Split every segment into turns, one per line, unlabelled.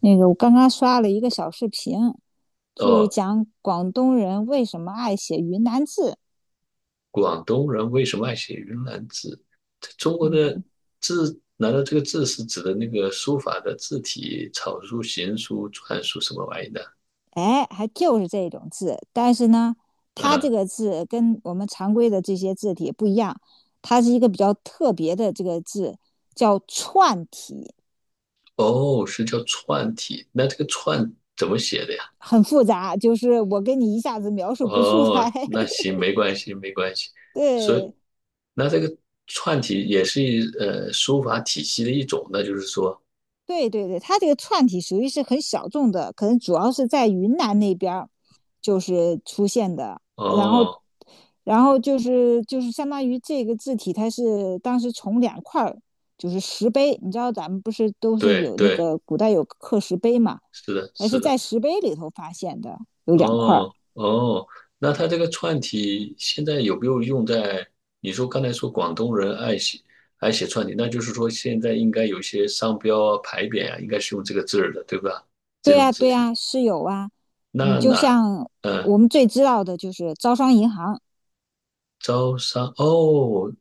那个我刚刚刷了一个小视频，就是
哦，
讲广东人为什么爱写云南字。
广东人为什么爱写云南字？它中国的
嗯，
字，难道这个字是指的那个书法的字体、草书、行书、篆书什么玩意的？
哎，还就是这种字，但是呢，它
嗯，
这个字跟我们常规的这些字体不一样，它是一个比较特别的这个字，叫串体，
哦，是叫篆体。那这个篆怎么写的呀？
很复杂，就是我跟你一下子描述不出来。
哦，那 行，没关系，没关系。所以，
对，
那这个篆体也是一书法体系的一种，那就是说，
对对对，它这个串体属于是很小众的，可能主要是在云南那边儿就是出现的。然后，
哦，
然后就是相当于这个字体，它是当时从两块儿就是石碑，你知道咱们不是都是
对
有那
对，
个古代有刻石碑嘛，
是的，
它
是
是在
的。
石碑里头发现的，有两块儿。
哦哦，那他这个串体现在有没有用在？你说刚才说广东人爱写串体，那就是说现在应该有些商标啊、牌匾啊，应该是用这个字儿的，对吧？这
对
种
呀，
字
对
体。
呀，是有啊。嗯，
那
就
那
像
嗯，
我们最知道的就是招商银行，
招商哦，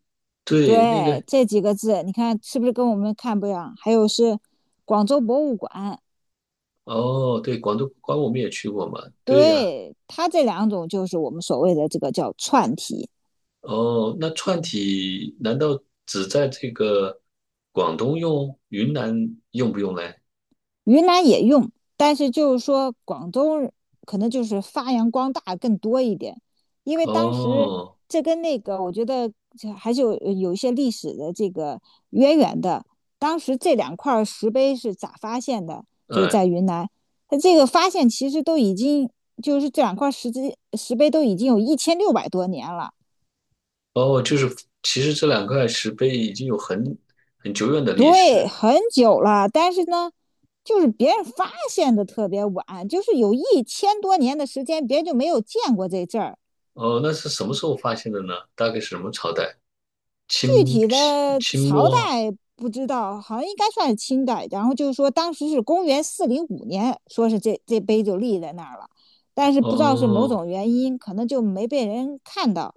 对，那
对，
个
这几个字，你看是不是跟我们看不一样？还有是广州博物馆，
哦，对，广东关我们也去过嘛，对呀、
对，它这两种就是我们所谓的这个叫串题。
哦，那串体难道只在这个广东用，云南用不用嘞？
云南也用，但是就是说广东可能就是发扬光大更多一点，因为当时
哦。
这跟那个我觉得还是有一些历史的这个渊源的。当时这两块石碑是咋发现的？就
嗯，
在云南，它这个发现其实都已经就是这两块石碑都已经有1600多年了。
哦，就是其实这两块石碑已经有很久远的历
对，
史。
很久了，但是呢，就是别人发现的特别晚，就是有1000多年的时间，别人就没有见过这阵儿。
哦，那是什么时候发现的呢？大概是什么朝代？
具
清
体的朝代
末？
不知道，好像应该算是清代。然后就是说，当时是公元405年，说是这碑就立在那儿了，但是不知道是某
哦，
种原因，可能就没被人看到。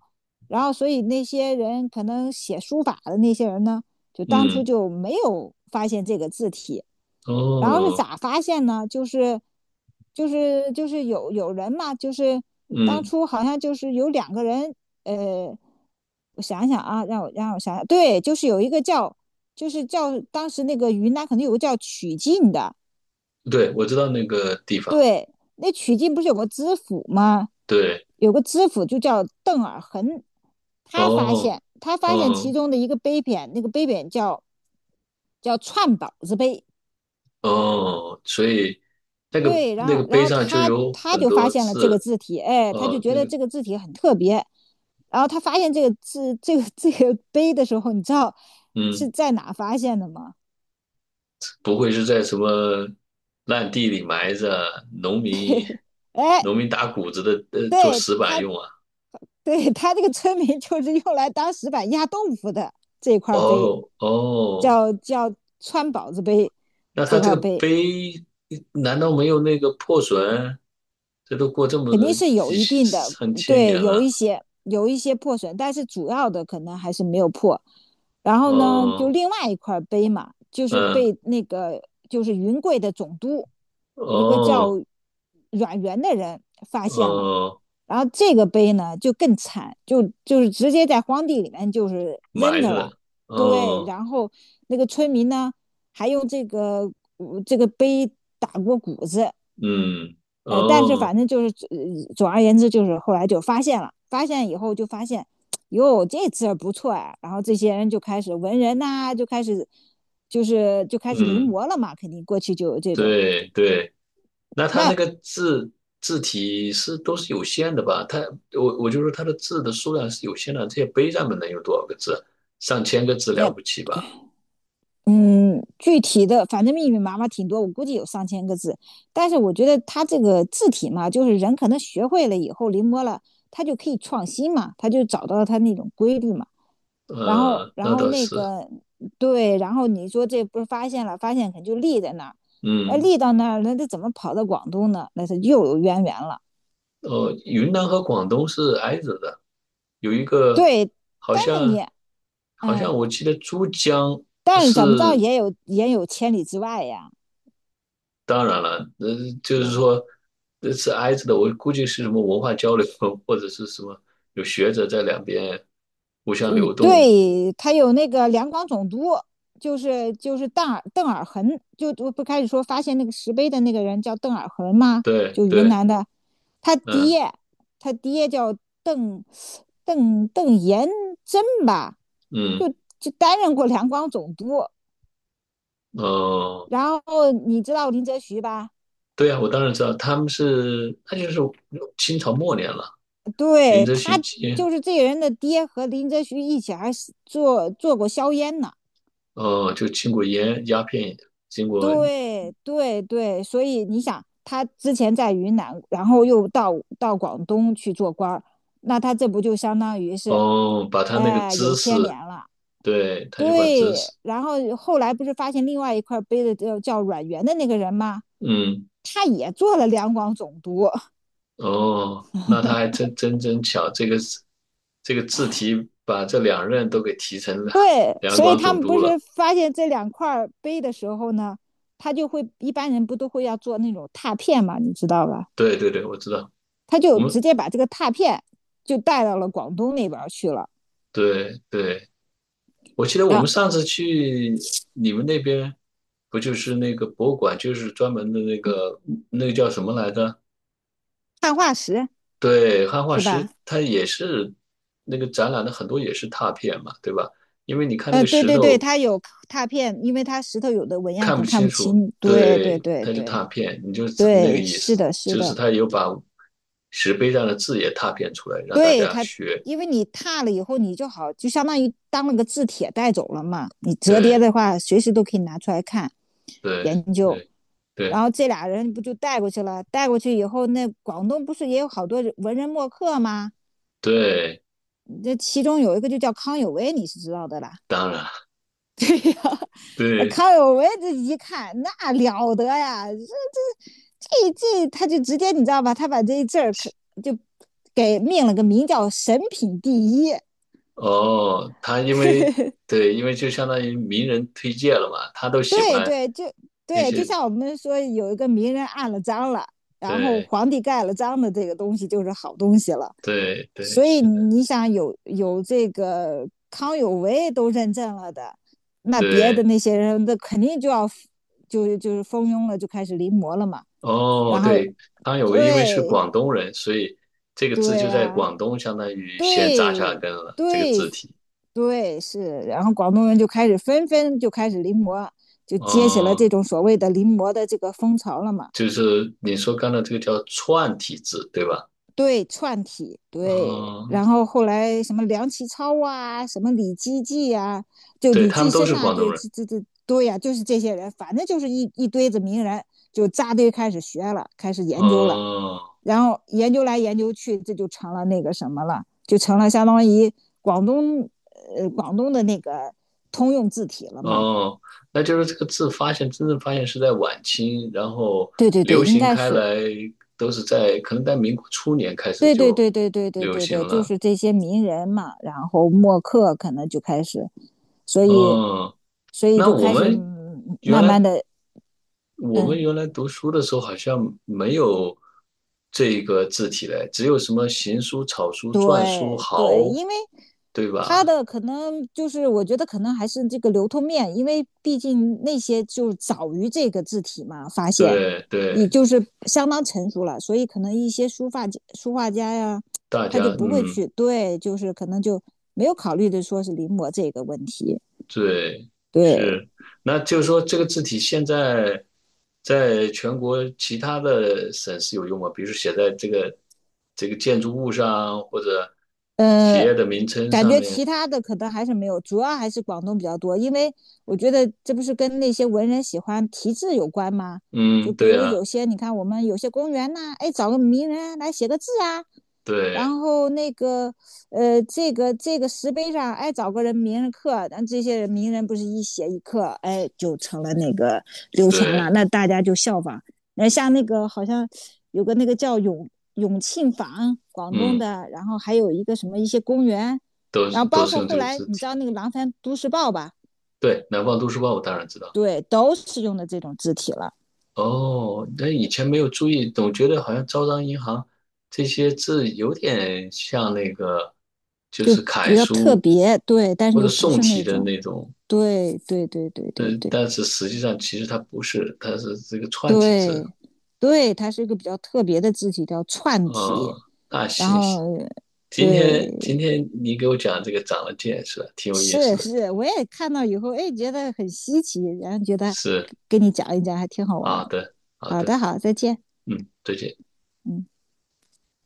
然后，所以那些人可能写书法的那些人呢，就当初
嗯，
就没有发现这个字体。然后是
哦，
咋发现呢？就是有人嘛，就是当
嗯，
初好像就是有两个人呃，我想想啊，让我想想，对，就是有一个叫，就是叫当时那个云南可能有个叫曲靖的，
对，我知道那个地方。
对，那曲靖不是有个知府吗？
对，
有个知府就叫邓尔恒，他发
哦，
现他发现
哦，
其中的一个碑匾，那个碑匾叫串宝子碑，
哦，所以那个
对，然后然
碑
后
上就
他
有
他
很
就发
多
现了这个
字。
字体，哎，他就
哦，
觉
那
得
个，
这个字体很特别。然后他发现这个字这个碑的时候，你知道是
嗯。
在哪发现的吗？
不会是在什么烂地里埋着，农民
哎，
打谷子的，做
对
石板
他
用啊？
对他这个村民就是用来当石板压豆腐的这块碑，
哦哦，
叫川宝子碑
那
这
他这个
块碑。
碑难道没有那个破损？这都过这么
肯
多
定是有
几
一定的，
上千
对，
年
有
了。
一些有一些破损，但是主要的可能还是没有破。然后呢，就
哦，
另外一块碑嘛，就是
嗯，
被那个就是云贵的总督，一个叫
哦
阮元的人发现了。
哦，
然后这个碑呢就更惨，就是直接在荒地里面就是扔
埋
着
着
了。
了。
对，
哦，
然后那个村民呢还用这个碑打过谷子，
嗯，
但是
哦，
反正就是总而言之，就是后来就发现了，发现以后就发现，哟，这字不错呀、啊然后这些人就开始文人呐、啊就开始就开始临
嗯，
摹了嘛，肯定过去就有这种。
对对。那它
那
那个字字体是都是有限的吧？它我就说它的字的数量是有限的，这些碑上面能有多少个字啊？上千个字了
那
不起吧？
嗯，具体的反正密密麻麻挺多，我估计有上千个字。但是我觉得他这个字体嘛，就是人可能学会了以后临摹了，他就可以创新嘛，他就找到他那种规律嘛。然后，
嗯，
然
那
后
倒
那
是，
个对，然后你说这不是发现了，发现肯定就立在那儿，哎，
嗯，
立到那儿，那他怎么跑到广东呢？那他又有渊源了。
哦，云南和广东是挨着的，有一个
对，
好
但是
像
你，嗯，
我记得珠江
但是怎么着
是，
也有千里之外呀。
当然了，就是
对，
说是挨着的，我估计是什么文化交流 或者是什么有学者在两边互相
嗯，
流动
对，他有那个两广总督，就是邓尔恒，就我不开始说发现那个石碑的那个人叫邓尔恒吗？
对
就云
对，
南的，他
嗯
爹他爹叫邓邓延真吧，就
嗯
就担任过两广总督。
哦，
然后你知道林则徐吧？
对啊，我当然知道，他们是那就是清朝末年了，林
对，
则
他
徐经
就是这个人的爹和林则徐一起还是做过硝烟呢。
哦，就经过烟鸦片，经过
对对对，所以你想，他之前在云南，然后又到广东去做官儿，那他这不就相当于是，
哦，把他那个
哎、有
知
牵连
识，
了。
对，他就把知识，
对，然后后来不是发现另外一块碑的叫阮元的那个人吗？
嗯
他也做了两广总督。
哦，那他还真巧，这个字题把这两任都给提成了
对，
两
所以
广
他
总
们
督
不是
了，
发现这两块碑的时候呢，他就会一般人不都会要做那种拓片嘛，你知道吧？
对对对，我知道，
他
我
就
们
直接把这个拓片就带到了广东那边去了。
对对。我记得我
啊，
们上次去你们那边，不就是那个博物馆，就是专门的那个叫什么来着？
碳化石
对，汉化
是吧？
石，它也是那个展览的很多也是拓片嘛，对吧？因为你看那个
对
石
对对，
头
他有拓片，因为他石头有的纹样
看
可
不
能看
清
不
楚，
清。对对
对，
对
它就
对
拓片，你就只那个
对，
意
是
思，
的，是
就是
的，
它有把石碑上的字也拓片出来，让大
对
家
他，
学。
因为你拓了以后，你就好，就相当于当了个字帖带走了嘛。你折叠
对
的话，随时都可以拿出来看
对
研究。
对
然
对
后这俩人不就带过去了？带过去以后，那广东不是也有好多文人墨客吗？
对，
这其中有一个就叫康有为，你是知道的啦。
当然
对呀、啊
对。
康有为这一看那了得呀，这他就直接你知道吧？他把这一字儿可就给命了个名叫"神品第一"。
哦，他因为对，因为就相当于名人推荐了嘛，他都喜
对
欢
对，就
那
对，就
些，
像我们说有一个名人按了章了，然后
对
皇帝盖了章的这个东西就是好东西了。
对对，
所以
是的，
你想有这个康有为都认证了的，那别的
对，
那些人那肯定就要就是蜂拥了，就开始临摹了嘛。
哦，
然后
对，康有为因为是
对
广东人，所以这个字就
对
在
啊，
广东相当于先扎下
对
根了，这个
对
字体，
对是，然后广东人就开始纷纷就开始临摹，就接起了
嗯，
这种所谓的临摹的这个风潮了嘛。
就是你说刚才这个叫串体字，对吧？
对串体，对，
嗯，
然后后来什么梁启超啊，什么李济济啊，就
对，
李
他们
济
都
深
是
呐、啊
广
对，
东人，
这对呀、啊就是这些人，反正就是一堆子名人，就扎堆开始学了，开始研究了，
嗯。
然后研究来研究去，这就成了那个什么了，就成了相当于广东的那个通用字体了嘛。
哦，那就是这个字发现，真正发现是在晚清，然后
对对对，
流
应
行
该
开
是
来都是在可能在民国初年开始
对对
就
对对对对
流
对
行
对，就
了。
是这些名人嘛，然后墨客可能就开始，所以
哦，
所以
那
就
我
开始
们原
慢
来
慢的，嗯，
读书的时候好像没有这个字体嘞，只有什么行书、草书、篆书、
对对，
豪，
因为
对
他
吧？
的可能就是我觉得可能还是这个流通面，因为毕竟那些就早于这个字体嘛发现，
对
也
对，
就是相当成熟了，所以可能一些书法书画家呀，
大
他就
家
不会
嗯。
去对，就是可能就没有考虑的说是临摹这个问题，
对，
对。
是，那就是说这个字体现在在全国其他的省市有用吗？比如说写在这个建筑物上，或者企
嗯，
业的名称
感
上
觉
面。
其他的可能还是没有，主要还是广东比较多，因为我觉得这不是跟那些文人喜欢题字有关吗？
嗯，
就比
对
如
啊，
有些你看我们有些公园呐、哎，找个名人来写个字啊，然
对
后那个，这个石碑上，哎，找个人名人刻，咱这些人名人不是一写一刻，哎，就成了那个流传了，
对，
那大家就效仿。那像那个好像有个那个叫永庆坊，广东
嗯，
的，然后还有一个什么一些公园，
都
然
是
后
都
包
是
括
用
后
这个
来
字
你
体。
知道那个《廊山都市报》吧，
对，南方都市报我当然知道。
对，都是用的这种字体了，
哦，那以前没有注意，总觉得好像招商银行这些字有点像那个，就
就
是楷
比较特
书
别，对，但是
或者
又不
宋
是
体
那
的
种，
那种，
对对对对对
嗯，
对。
但是实际上其实它不是，它是这个串体字。
对，对，它是一个比较特别的字体，叫串
哦，
体。
那
然
行，
后，
今天
对，
你给我讲这个长了见识了，挺有意思
是
的。
是，我也看到以后，哎，觉得很稀奇，然后觉得
是，
跟你讲一讲还挺好玩
好
儿。
的，好
好
的，
的，好，再见，
嗯，再见。
嗯。